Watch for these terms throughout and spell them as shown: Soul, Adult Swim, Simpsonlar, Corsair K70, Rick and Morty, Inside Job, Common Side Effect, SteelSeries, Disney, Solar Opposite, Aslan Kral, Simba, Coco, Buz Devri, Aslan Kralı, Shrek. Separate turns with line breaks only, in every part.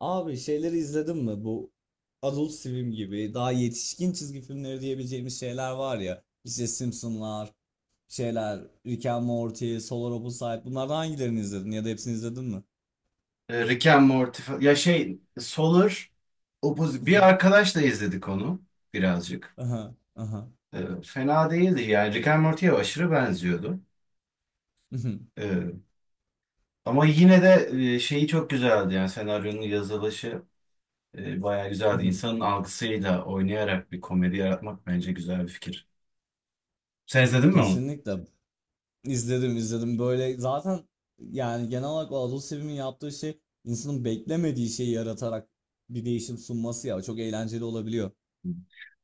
Abi şeyleri izledin mi? Bu Adult Swim gibi daha yetişkin çizgi filmleri diyebileceğimiz şeyler var ya. İşte Simpsonlar, şeyler, Rick and Morty, Solar Opposite. Bunlardan hangilerini izledin ya da hepsini izledin mi?
Rick and Morty ya Solar Opposite. Bir arkadaşla izledik onu birazcık.
Aha, aha.
Fena değildi yani. Rick and Morty'ye aşırı benziyordu.
Mhm,
E, Ama yine de şeyi çok güzeldi yani senaryonun yazılışı bayağı güzeldi.
mhm.
İnsanın algısıyla oynayarak bir komedi yaratmak bence güzel bir fikir. Sen izledin mi onu?
Kesinlikle izledim böyle zaten yani genel olarak o Adult Swim'in yaptığı şey insanın beklemediği şeyi yaratarak bir değişim sunması ya çok eğlenceli olabiliyor.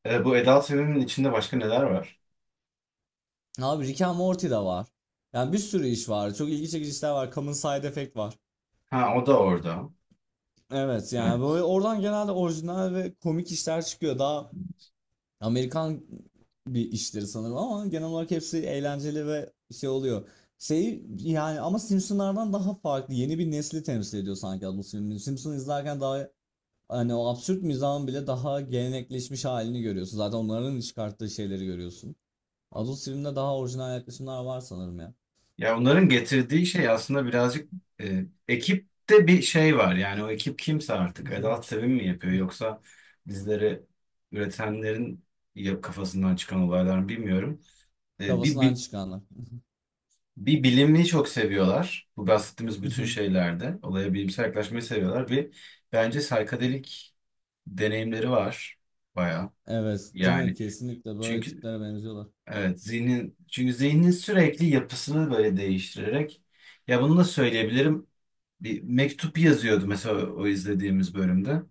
Bu Adult Swim'in içinde başka neler var?
Abi Rick and Morty de var. Yani bir sürü iş var. Çok ilgi çekici işler var. Common Side Effect var.
Ha, o da orada.
Evet yani
Evet.
böyle oradan genelde orijinal ve komik işler çıkıyor. Daha Amerikan bir işleri sanırım ama genel olarak hepsi eğlenceli ve şey oluyor. Şey yani ama Simpsonlardan daha farklı. Yeni bir nesli temsil ediyor sanki bu Simpson. Simpson izlerken daha hani o absürt mizahın bile daha gelenekleşmiş halini görüyorsun. Zaten onların çıkarttığı şeyleri görüyorsun. Adult Swim'de daha orijinal yaklaşımlar var sanırım ya.
Ya onların getirdiği şey aslında birazcık ekipte bir şey var. Yani o ekip kimse artık. Edalt Sevim mi yapıyor yoksa bizleri üretenlerin kafasından çıkan olaylar mı bilmiyorum. E, bir, bir,
Kafasından çıkanlar.
bir bilimi çok seviyorlar. Bu bahsettiğimiz bütün şeylerde. Olaya bilimsel yaklaşmayı seviyorlar. Bir bence saykadelik deneyimleri var bayağı.
Evet, değil mi?
Yani
Kesinlikle böyle
çünkü
tiplere benziyorlar.
evet zihnin zihnin sürekli yapısını böyle değiştirerek, ya bunu da söyleyebilirim, bir mektup yazıyordu mesela o izlediğimiz bölümde.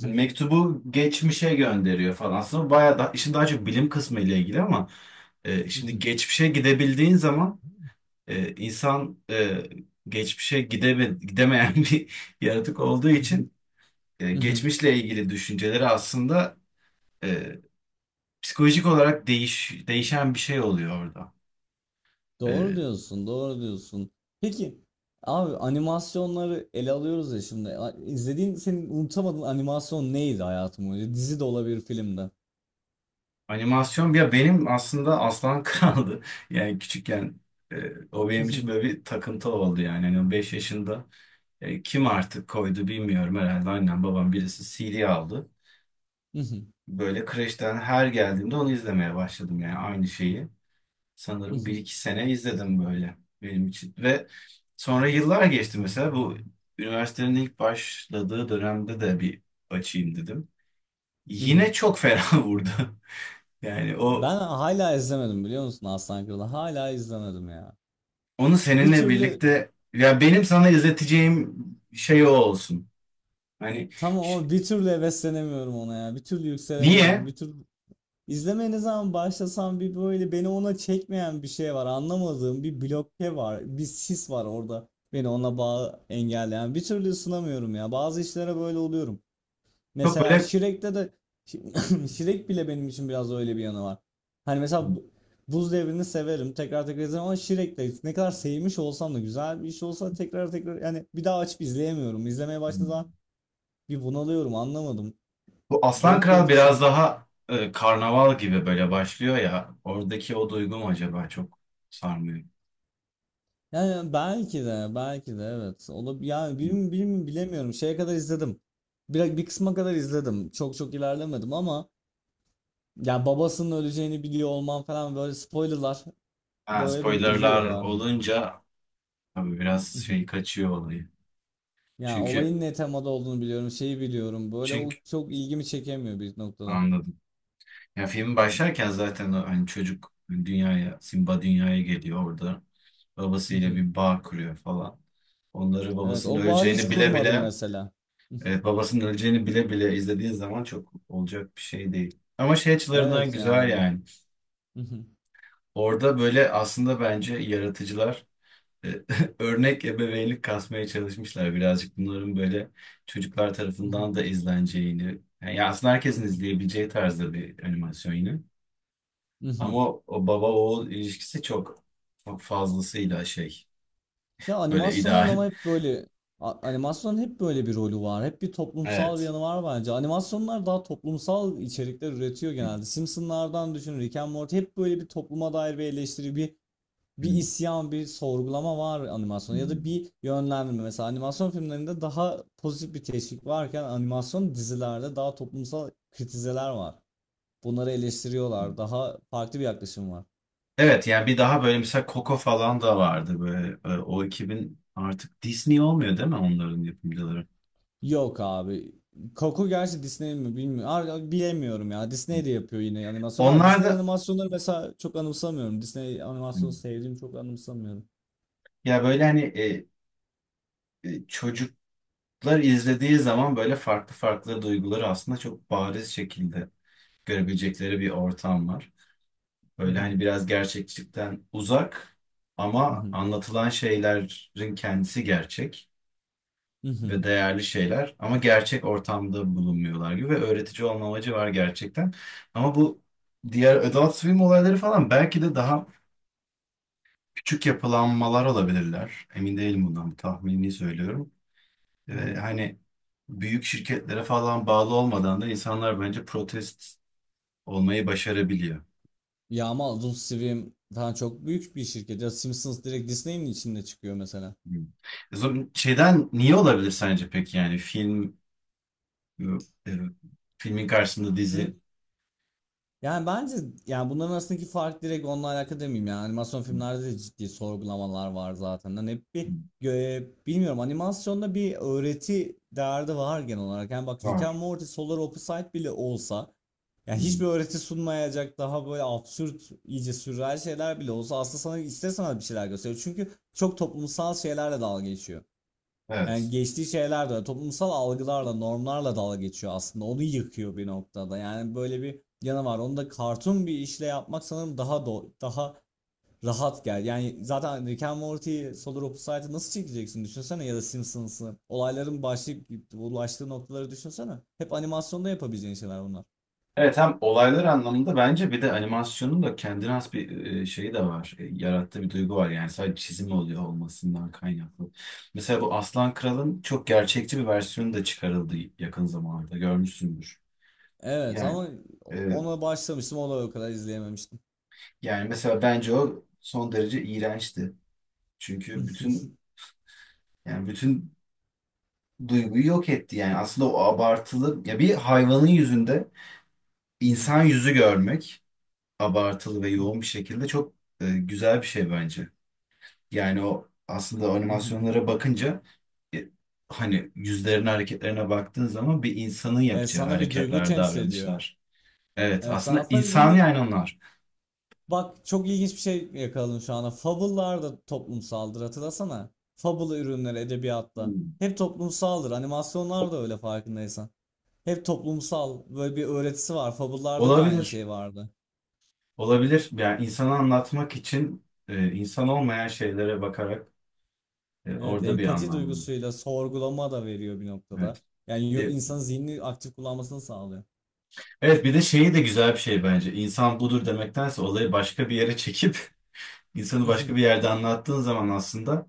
Hani mektubu geçmişe gönderiyor falan. Aslında bayağı da işin daha çok bilim kısmı ile ilgili ama şimdi geçmişe gidebildiğin zaman insan geçmişe gidemeyen bir yaratık olduğu için geçmişle ilgili düşünceleri aslında e, psikolojik olarak değişen bir şey oluyor orada.
Doğru
E,
diyorsun, doğru diyorsun. Peki, abi animasyonları ele alıyoruz ya şimdi. A- İzlediğin, senin unutamadığın animasyon neydi hayatım boyunca? Dizi de olabilir, film de.
Animasyon ya benim aslında Aslan Kral'dı. Yani küçükken o benim için böyle bir takıntı oldu yani. Hani 5 yaşında kim artık koydu bilmiyorum, herhalde annem babam birisi CD aldı. Böyle kreşten her geldiğimde onu izlemeye başladım yani aynı şeyi. Sanırım bir iki sene izledim böyle benim için. Ve sonra yıllar geçti. Mesela bu üniversitenin ilk başladığı dönemde de bir açayım dedim. Yine çok fena vurdu. Yani o
Ben hala izlemedim biliyor musun Aslan Kralı? Hala izlemedim ya.
onu
Bir
seninle
türlü,
birlikte, ya benim sana izleteceğim şey o olsun. Hani
tamam
ş-
ama bir türlü heveslenemiyorum ona ya. Bir türlü
niye?
yükselemiyorum, bir türlü. İzlemeye ne zaman başlasam bir böyle beni ona çekmeyen bir şey var. Anlamadığım bir bloke var. Bir sis var orada. Beni ona bağ engelleyen. Bir türlü ısınamıyorum ya. Bazı işlere böyle oluyorum.
Çok
Mesela
böyle
Shrek'te de Shrek bile benim için biraz öyle bir yanı var. Hani mesela bu- Buz Devri'ni severim. Tekrar tekrar izlerim ama Shrek'te ne kadar sevmiş olsam da güzel bir iş olsa tekrar tekrar yani bir daha açıp izleyemiyorum. İzlemeye başladığım zaman bir bunalıyorum. Anlamadım.
bu Aslan
Garip bir
Kral
etkisi
biraz
var.
daha karnaval gibi böyle başlıyor ya. Oradaki o duygu mu acaba çok sarmıyor.
Yani belki de belki de evet. Olab yani bilim, bilim bilemiyorum. Şeye kadar izledim. Bir kısma kadar izledim. Çok çok ilerlemedim ama ya babasının öleceğini biliyor olman falan böyle spoilerlar
Ha,
böyle beni üzüyor
spoilerlar
ya.
olunca tabii biraz şey kaçıyor olayı.
Yani
Çünkü
olayın ne temada olduğunu biliyorum, şeyi biliyorum. Böyle o
çünkü
çok ilgimi çekemiyor bir noktada.
anladım. Ya film başlarken zaten o hani çocuk dünyaya, Simba dünyaya geliyor orada.
Hı
Babasıyla
hı.
bir bağ kuruyor falan. Onları
Evet,
babasının
o bağı hiç
öleceğini bile
kurmadım
bile
mesela.
e, Babasının öleceğini bile bile izlediğin zaman çok olacak bir şey değil. Ama şey açılarından
Evet
güzel
yani.
yani. Orada böyle aslında bence yaratıcılar e, örnek ebeveynlik kasmaya çalışmışlar. Birazcık bunların böyle çocuklar tarafından da izleneceğini. Yani aslında herkesin izleyebileceği tarzda bir animasyon yine. Ama o baba oğul ilişkisi çok fazlasıyla şey,
Ya
böyle
animasyonların
ideal.
ama hep böyle a- animasyonun hep böyle bir rolü var. Hep bir toplumsal bir
Evet.
yanı var bence. Animasyonlar daha toplumsal içerikler üretiyor
Hı.
genelde. Simpsonlardan düşün, Rick and Morty hep böyle bir topluma dair bir eleştiri, bir
Hı.
bir isyan, bir sorgulama var animasyonda ya da
Hmm.
bir yönlendirme. Mesela animasyon filmlerinde daha pozitif bir teşvik varken animasyon dizilerde daha toplumsal kritizeler var. Bunları eleştiriyorlar. Daha farklı bir yaklaşım var.
Evet, yani bir daha böyle mesela Coco falan da vardı böyle. O ekibin artık Disney olmuyor değil mi, onların yapımcıları?
Yok abi. Coco gerçi Disney mi bilmiyorum. Abi, bilemiyorum ya.
Hmm.
Disney de yapıyor yine animasyonlar.
Onlar
Disney
da.
animasyonları mesela çok anımsamıyorum. Disney animasyonu
Hmm.
sevdiğimi çok anımsamıyorum.
Ya böyle hani çocuklar izlediği zaman böyle farklı farklı duyguları aslında çok bariz şekilde görebilecekleri bir ortam var.
Hı
Böyle
hı,
hani biraz gerçekçilikten uzak
hı
ama
hı,
anlatılan şeylerin kendisi gerçek.
hı
Ve
hı,
değerli şeyler ama gerçek ortamda bulunmuyorlar gibi ve öğretici olma amacı var gerçekten. Ama bu diğer adult swim olayları falan belki de daha küçük yapılanmalar olabilirler. Emin değilim bundan, bir tahmini söylüyorum.
hı hı.
Hani büyük şirketlere falan bağlı olmadan da insanlar bence protest olmayı başarabiliyor.
Ya ama Adult Swim falan çok büyük bir şirket. Ya Simpsons direkt Disney'in içinde çıkıyor mesela.
Hmm. O zaman şeyden niye olabilir sence peki, yani film e, e, filmin karşısında dizi
Yani bence yani bunların arasındaki fark direkt onunla alakalı demeyeyim yani animasyon filmlerde de ciddi sorgulamalar var zaten. Hani hep bir gö- bilmiyorum animasyonda bir öğreti derdi var genel olarak. Yani bak Rick
var.
and Morty Solar Opposite bile olsa
Hı
yani
hı.
hiçbir öğreti sunmayacak daha böyle absürt iyice sürreal şeyler bile olsa aslında sana ister sana bir şeyler gösteriyor. Çünkü çok toplumsal şeylerle dalga geçiyor. Yani
Evet.
geçtiği şeyler de toplumsal algılarla, normlarla dalga geçiyor aslında. Onu yıkıyor bir noktada. Yani böyle bir yanı var. Onu da kartun bir işle yapmak sanırım daha do- daha rahat gel. Yani zaten Rick and Morty, Solar Opposite'ı nasıl çekeceksin düşünsene ya da Simpsons'ı. Olayların başlayıp ulaştığı noktaları düşünsene. Hep animasyonda yapabileceğin şeyler bunlar.
Evet, hem olaylar anlamında bence, bir de animasyonun da kendine has bir şeyi de var. Yarattığı bir duygu var yani, sadece çizim oluyor olmasından kaynaklı. Mesela bu Aslan Kral'ın çok gerçekçi bir versiyonu da çıkarıldı yakın zamanlarda, görmüşsündür.
Evet
Yani
ama
e,
ona başlamıştım o da o kadar izleyememiştim.
yani mesela bence o son derece iğrençti. Çünkü bütün yani bütün duyguyu yok etti yani. Aslında o abartılı, ya bir hayvanın yüzünde insan yüzü görmek abartılı ve yoğun bir şekilde çok güzel bir şey bence. Yani o aslında animasyonlara bakınca e, hani yüzlerine hareketlerine baktığın zaman bir insanın yapacağı
Sana bir duygu
hareketler,
temsil ediyor.
davranışlar. Evet,
Evet, sen
aslında
aslında bir
insan
ne-
yani onlar.
Bak çok ilginç bir şey yakaladım şu anda. Fable'lar da toplumsaldır hatırlasana. Fable ürünleri edebiyatta.
Hmm.
Hep toplumsaldır. Animasyonlar da öyle farkındaysan. Hep toplumsal böyle bir öğretisi var. Fable'larda da aynı
Olabilir.
şey vardı.
Olabilir. Yani insanı anlatmak için insan olmayan şeylere bakarak
Evet
orada bir
empati
anlam var.
duygusuyla sorgulama da veriyor bir
Evet.
noktada. Yani yo-
E,
insanın zihnini aktif kullanmasını sağlıyor.
evet, bir de şeyi de güzel bir şey bence. İnsan budur demektense olayı başka bir yere çekip insanı başka bir yerde anlattığın zaman aslında,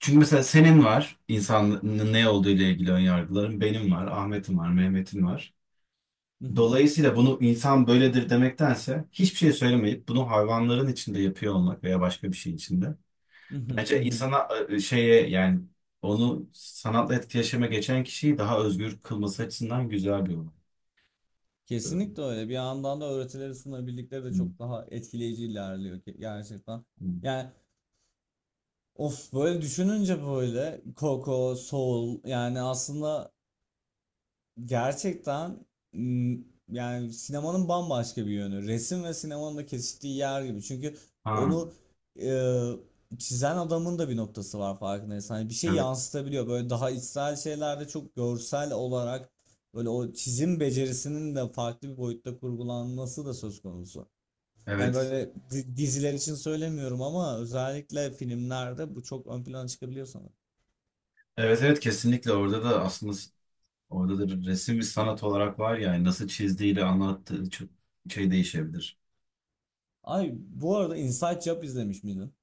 çünkü mesela senin var insanın ne olduğu ile ilgili ön yargıların, benim var, Ahmet'in var, Mehmet'in var. Dolayısıyla bunu insan böyledir demektense hiçbir şey söylemeyip bunu hayvanların içinde yapıyor olmak veya başka bir şey içinde. Bence insana şeye yani, onu sanatla etkileşime geçen kişiyi daha özgür kılması açısından güzel bir olay. Ee,
Kesinlikle öyle. Bir yandan da öğretileri sunabildikleri de
hı,
çok daha etkileyici ilerliyor ki gerçekten.
hı.
Yani Of böyle düşününce böyle Coco, Soul yani aslında gerçekten m, yani sinemanın bambaşka bir yönü. Resim ve sinemanın da kesiştiği yer gibi. Çünkü
Ha,
onu çizen adamın da bir noktası var farkındaysan. Hani bir şey
evet,
yansıtabiliyor. Böyle daha içsel şeylerde çok görsel olarak böyle o çizim becerisinin de farklı bir boyutta kurgulanması da söz konusu. Hani
evet.
böyle di- diziler için söylemiyorum ama özellikle filmlerde bu çok ön plana çıkabiliyor sanırım.
Evet, evet, kesinlikle orada da aslında orada da bir resim, bir sanat olarak var ya, yani nasıl çizdiğiyle anlattığı çok şey değişebilir.
Ay bu arada Inside Job izlemiş miydin?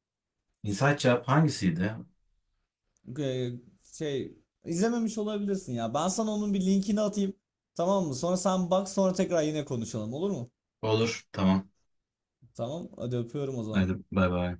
İnsaç Cevap hangisiydi?
Ee, şey izlememiş olabilirsin ya. Ben sana onun bir linkini atayım. Tamam mı? Sonra sen bak sonra tekrar yine konuşalım olur mu?
Olur, tamam.
Tamam. Hadi öpüyorum o zaman.
Hadi bay bay.